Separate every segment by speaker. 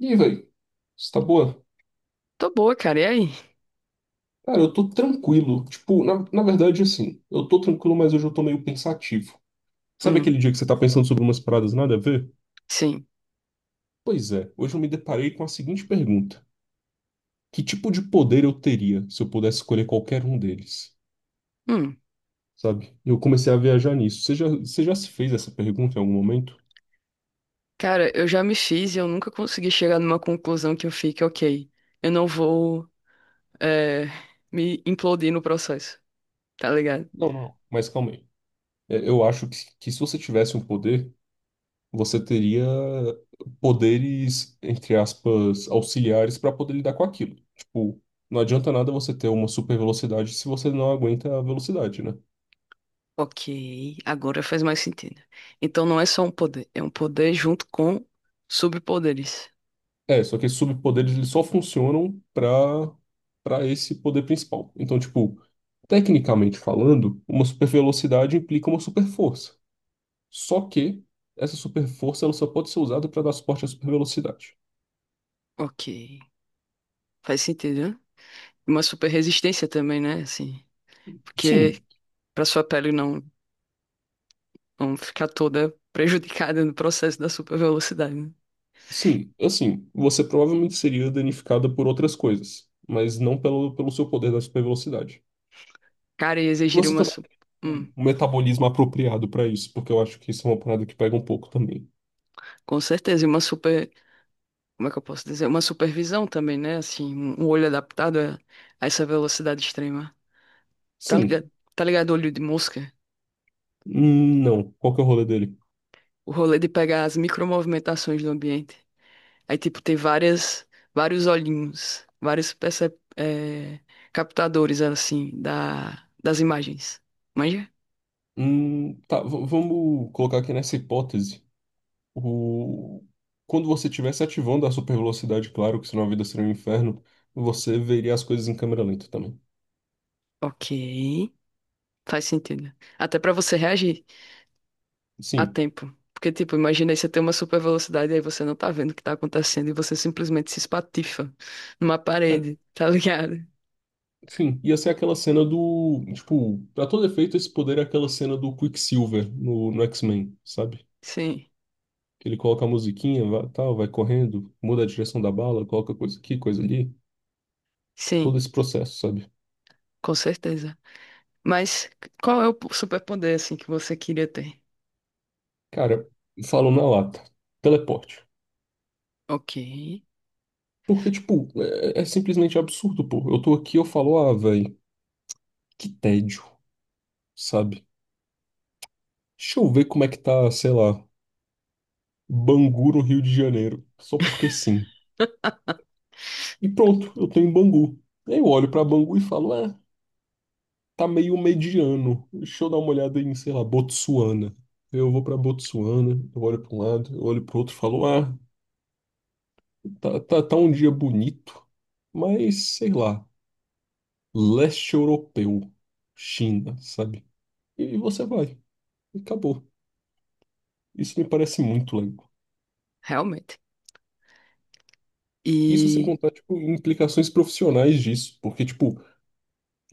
Speaker 1: E aí, velho? Você tá boa?
Speaker 2: Tô boa, cara. E aí?
Speaker 1: Cara, eu tô tranquilo. Tipo, na verdade, assim, eu tô tranquilo, mas hoje eu tô meio pensativo. Sabe
Speaker 2: Hum,
Speaker 1: aquele dia que você tá pensando sobre umas paradas nada a ver?
Speaker 2: sim.
Speaker 1: Pois é, hoje eu me deparei com a seguinte pergunta: que tipo de poder eu teria se eu pudesse escolher qualquer um deles?
Speaker 2: Hum.
Speaker 1: Sabe? E eu comecei a viajar nisso. Você já se fez essa pergunta em algum momento?
Speaker 2: Cara, eu já me fiz e eu nunca consegui chegar numa conclusão que eu fique, ok, eu não vou é, me implodir no processo, tá ligado?
Speaker 1: Não, não, não. Mas calma aí. É, eu acho que se você tivesse um poder. Você teria poderes, entre aspas, auxiliares para poder lidar com aquilo. Tipo, não adianta nada você ter uma super velocidade se você não aguenta a velocidade, né?
Speaker 2: Ok, agora faz mais sentido. Então não é só um poder, é um poder junto com subpoderes.
Speaker 1: É, só que esses superpoderes eles só funcionam para esse poder principal. Então, tipo, tecnicamente falando, uma super velocidade implica uma super força. Só que essa super força ela só pode ser usada para dar suporte à super velocidade.
Speaker 2: Ok, faz sentido, né? Uma super resistência também, né? Assim, porque
Speaker 1: Sim.
Speaker 2: pra sua pele não, não ficar toda prejudicada no processo da super velocidade, né?
Speaker 1: Sim, assim, você provavelmente seria danificada por outras coisas, mas não pelo seu poder da super velocidade.
Speaker 2: Cara, e exigiria
Speaker 1: Você
Speaker 2: uma
Speaker 1: também
Speaker 2: super.
Speaker 1: tem um metabolismo apropriado pra isso, porque eu acho que isso é uma parada que pega um pouco também.
Speaker 2: Com certeza, e uma super, como é que eu posso dizer? Uma supervisão também, né? Assim, um olho adaptado a essa velocidade extrema. Tá
Speaker 1: Sim.
Speaker 2: ligado? Tá ligado o olho de mosca?
Speaker 1: Não. Qual que é o rolê dele?
Speaker 2: O rolê de pegar as micromovimentações do ambiente. Aí, tipo, tem várias, vários olhinhos, captadores, assim, da, das imagens. Manja?
Speaker 1: Tá, vamos colocar aqui nessa hipótese. O... Quando você estivesse ativando a super velocidade, claro que senão a vida seria um inferno, você veria as coisas em câmera lenta também.
Speaker 2: Ok. Faz sentido. Até pra você reagir a
Speaker 1: Sim.
Speaker 2: tempo. Porque, tipo, imagina aí você ter uma super velocidade e aí você não tá vendo o que tá acontecendo e você simplesmente se espatifa numa
Speaker 1: É,
Speaker 2: parede, tá ligado?
Speaker 1: sim, ia ser aquela cena do. Tipo, pra todo efeito, esse poder é aquela cena do Quicksilver no X-Men, sabe?
Speaker 2: Sim,
Speaker 1: Ele coloca a musiquinha, vai, tal, vai correndo, muda a direção da bala, coloca coisa aqui, coisa ali. Todo
Speaker 2: sim,
Speaker 1: esse processo, sabe?
Speaker 2: com certeza. Mas qual é o superpoder, assim, que você queria ter?
Speaker 1: Cara, falo na lata. Teleporte.
Speaker 2: Ok,
Speaker 1: Porque, tipo, é simplesmente absurdo, pô. Eu tô aqui, eu falo, ah, velho, que tédio, sabe? Deixa eu ver como é que tá, sei lá, Bangu no Rio de Janeiro. Só porque sim. E pronto, eu tô em Bangu. Aí eu olho pra Bangu e falo, é. Tá meio mediano. Deixa eu dar uma olhada em, sei lá, Botsuana. Eu vou pra Botsuana, eu olho pra um lado, eu olho pro outro e falo, ah, tá, tá, tá um dia bonito, mas sei lá, leste europeu, China, sabe? E você vai, e acabou. Isso me parece muito legal.
Speaker 2: realmente.
Speaker 1: Isso sem
Speaker 2: E,
Speaker 1: contar, tipo, implicações profissionais disso, porque, tipo,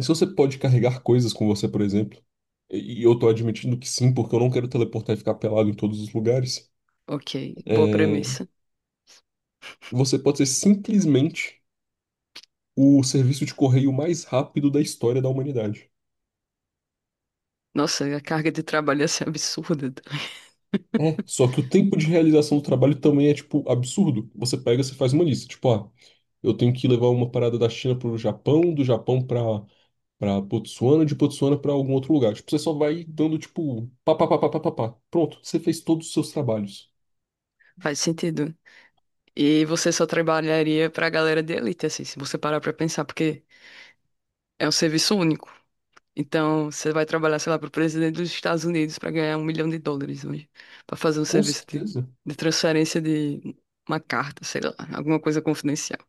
Speaker 1: se você pode carregar coisas com você, por exemplo, e eu tô admitindo que sim, porque eu não quero teleportar e ficar pelado em todos os lugares.
Speaker 2: ok, boa
Speaker 1: É.
Speaker 2: premissa.
Speaker 1: Você pode ser simplesmente o serviço de correio mais rápido da história da humanidade.
Speaker 2: Nossa, a carga de trabalho ia ser absurda.
Speaker 1: É, só que o tempo de realização do trabalho também é, tipo, absurdo. Você pega, você faz uma lista, tipo, ah, eu tenho que levar uma parada da China pro Japão, do Japão pra, pra Botsuana, de Botsuana pra algum outro lugar. Tipo, você só vai dando, tipo, pá, pá, pá, pá, pá, pá, pá. Pronto, você fez todos os seus trabalhos.
Speaker 2: Faz sentido. E você só trabalharia pra galera de elite, assim, se você parar pra pensar, porque é um serviço único. Então, você vai trabalhar, sei lá, para o presidente dos Estados Unidos para ganhar um milhão de dólares hoje, para fazer um
Speaker 1: Com
Speaker 2: serviço
Speaker 1: certeza.
Speaker 2: de transferência de uma carta, sei lá, alguma coisa confidencial.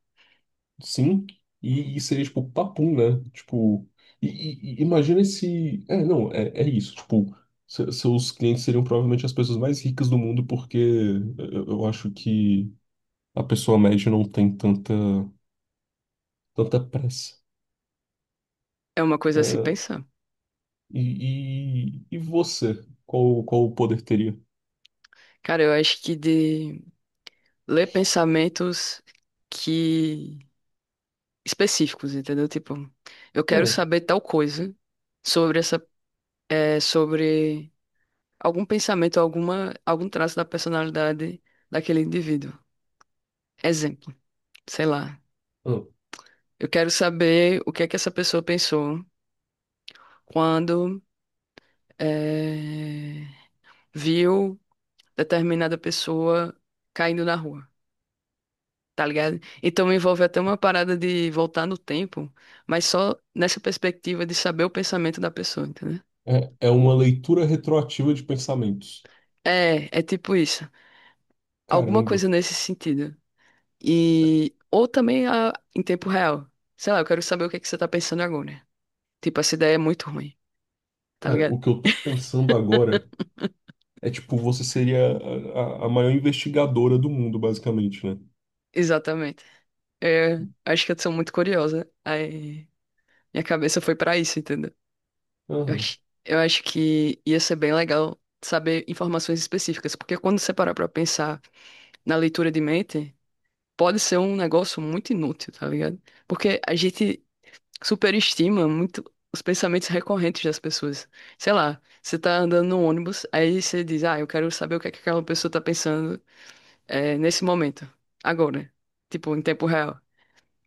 Speaker 1: Sim, e seria tipo papum, né? Tipo, e, e imagina se. É, não, é, é isso. Tipo, seus clientes seriam provavelmente as pessoas mais ricas do mundo, porque eu acho que a pessoa média não tem tanta pressa.
Speaker 2: É uma coisa a se
Speaker 1: É,
Speaker 2: pensar.
Speaker 1: e você? Qual o poder teria?
Speaker 2: Cara, eu acho que de ler pensamentos que específicos, entendeu? Tipo, eu quero
Speaker 1: Ah,
Speaker 2: saber tal coisa sobre essa, é, sobre algum pensamento, alguma, algum traço da personalidade daquele indivíduo. Exemplo, sei lá.
Speaker 1: ah,
Speaker 2: Eu quero saber o que é que essa pessoa pensou quando eh, viu determinada pessoa caindo na rua, tá ligado? Então envolve até uma parada de voltar no tempo, mas só nessa perspectiva de saber o pensamento da pessoa, entendeu?
Speaker 1: é, é uma leitura retroativa de pensamentos.
Speaker 2: É, é tipo isso. Alguma
Speaker 1: Caramba,
Speaker 2: coisa nesse sentido. E ou também a- em tempo real. Sei lá, eu quero saber o que é que você tá pensando agora. Tipo, essa ideia é muito ruim, tá
Speaker 1: cara,
Speaker 2: ligado?
Speaker 1: o que eu tô pensando agora. É tipo, você seria a, a maior investigadora do mundo, basicamente, né?
Speaker 2: Exatamente. É, acho que eu sou muito curiosa. Aí minha cabeça foi pra isso, entendeu? Eu
Speaker 1: Aham.
Speaker 2: acho, eu acho que ia ser bem legal saber informações específicas, porque quando você parar pra pensar na leitura de mente, pode ser um negócio muito inútil, tá ligado? Porque a gente superestima muito os pensamentos recorrentes das pessoas. Sei lá, você tá andando no ônibus, aí você diz, ah, eu quero saber o que é que aquela pessoa tá pensando, é, nesse momento, agora, tipo, em tempo real.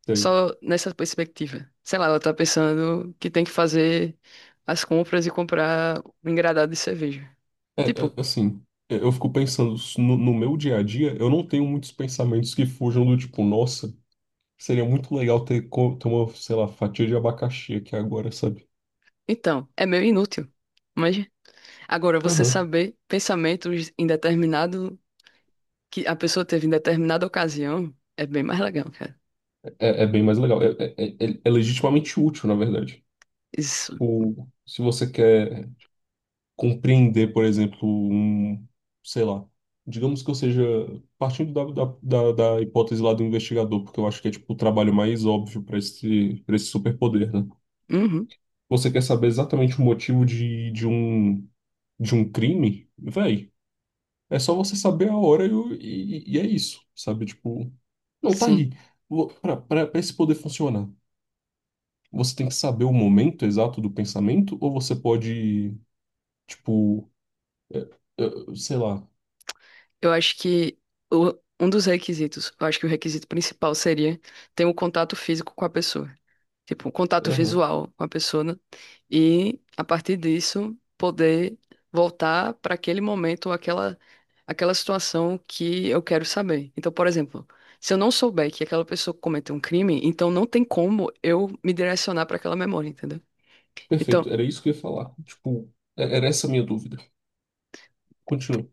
Speaker 1: Sei.
Speaker 2: Só nessa perspectiva. Sei lá, ela tá pensando que tem que fazer as compras e comprar um engradado de cerveja.
Speaker 1: É, é,
Speaker 2: Tipo,
Speaker 1: assim, é, eu fico pensando, no, no meu dia a dia, eu não tenho muitos pensamentos que fujam do tipo, nossa, seria muito legal ter, ter uma, sei lá, fatia de abacaxi aqui agora, sabe?
Speaker 2: então, é meio inútil. Mas agora você
Speaker 1: Aham.
Speaker 2: saber pensamentos em determinado que a pessoa teve em determinada ocasião é bem mais legal, cara.
Speaker 1: É, é bem mais legal. É, é, é, é legitimamente útil, na verdade.
Speaker 2: Isso.
Speaker 1: Tipo, se você quer. Compreender, por exemplo, um, sei lá, digamos que eu seja, partindo da hipótese lá do investigador, porque eu acho que é tipo o trabalho mais óbvio para esse superpoder, né?
Speaker 2: Uhum.
Speaker 1: Você quer saber exatamente o motivo de um crime? Véi, é só você saber a hora e, e é isso, sabe? Tipo, não, tá
Speaker 2: Sim.
Speaker 1: aí. Para esse poder funcionar, você tem que saber o momento exato do pensamento ou você pode, tipo, sei lá.
Speaker 2: Eu acho que o- um dos requisitos, eu acho que o requisito principal seria ter um contato físico com a pessoa. Tipo, um contato visual com a pessoa, né? E a partir disso poder voltar para aquele momento, aquela situação que eu quero saber. Então, por exemplo, se eu não souber que aquela pessoa cometeu um crime, então não tem como eu me direcionar para aquela memória, entendeu?
Speaker 1: Perfeito,
Speaker 2: Então,
Speaker 1: era isso que eu ia falar. Tipo, era essa a minha dúvida. Continua.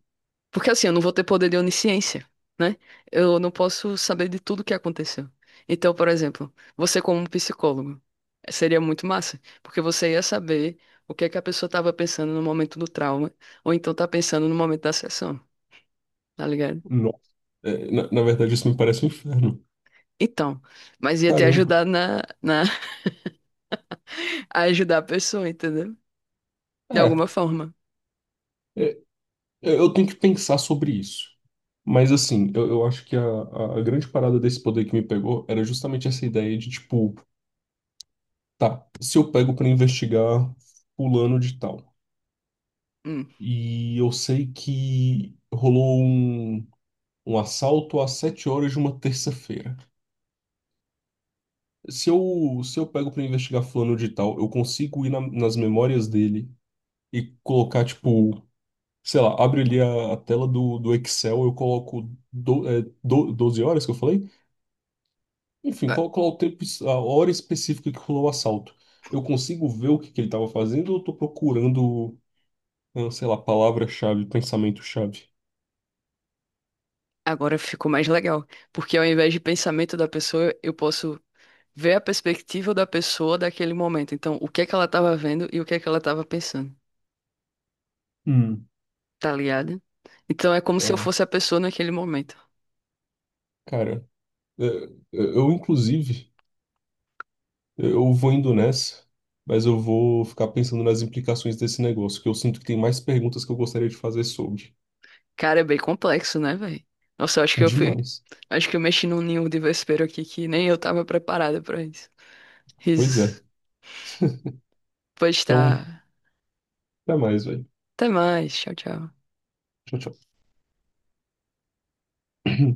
Speaker 2: porque assim, eu não vou ter poder de onisciência, né? Eu não posso saber de tudo que aconteceu. Então, por exemplo, você como um psicólogo, seria muito massa, porque você ia saber o que é que a pessoa estava pensando no momento do trauma, ou então tá pensando no momento da sessão, tá ligado?
Speaker 1: Nossa. É, na verdade, isso me parece um inferno.
Speaker 2: Então, mas ia te
Speaker 1: Caramba.
Speaker 2: ajudar na a ajudar a pessoa, entendeu? De
Speaker 1: É,
Speaker 2: alguma forma.
Speaker 1: é, eu tenho que pensar sobre isso. Mas, assim, eu acho que a, a grande parada desse poder que me pegou era justamente essa ideia de, tipo, tá, se eu pego pra investigar fulano de tal,
Speaker 2: Hum.
Speaker 1: e eu sei que rolou um, um assalto às 7 horas de uma terça-feira. Se eu pego pra investigar fulano de tal, eu consigo ir nas memórias dele e colocar, tipo, sei lá, abre ali a tela do Excel, eu coloco do, é, 12 horas que eu falei? Enfim,
Speaker 2: A-
Speaker 1: coloco lá o tempo, a hora específica que rolou o assalto. Eu consigo ver o que, que ele tava fazendo ou eu tô procurando, ah, sei lá, palavra-chave, pensamento-chave?
Speaker 2: Agora ficou mais legal, porque ao invés de pensamento da pessoa, eu posso ver a perspectiva da pessoa daquele momento. Então, o que é que ela estava vendo e o que é que ela estava pensando,
Speaker 1: Hum.
Speaker 2: tá ligado? Então, é como se eu
Speaker 1: É,
Speaker 2: fosse a pessoa naquele momento.
Speaker 1: cara, é, eu, inclusive. Eu vou indo nessa, mas eu vou ficar pensando nas implicações desse negócio, que eu sinto que tem mais perguntas que eu gostaria de fazer sobre.
Speaker 2: Cara, é bem complexo, né, velho? Nossa, eu acho que eu fui.
Speaker 1: Demais.
Speaker 2: Acho que eu mexi num ninho de vespeiro aqui que nem eu tava preparada pra isso.
Speaker 1: Pois é.
Speaker 2: Risos. Pois
Speaker 1: Então,
Speaker 2: tá.
Speaker 1: até mais, velho.
Speaker 2: Até mais. Tchau, tchau.
Speaker 1: Tchau, tchau.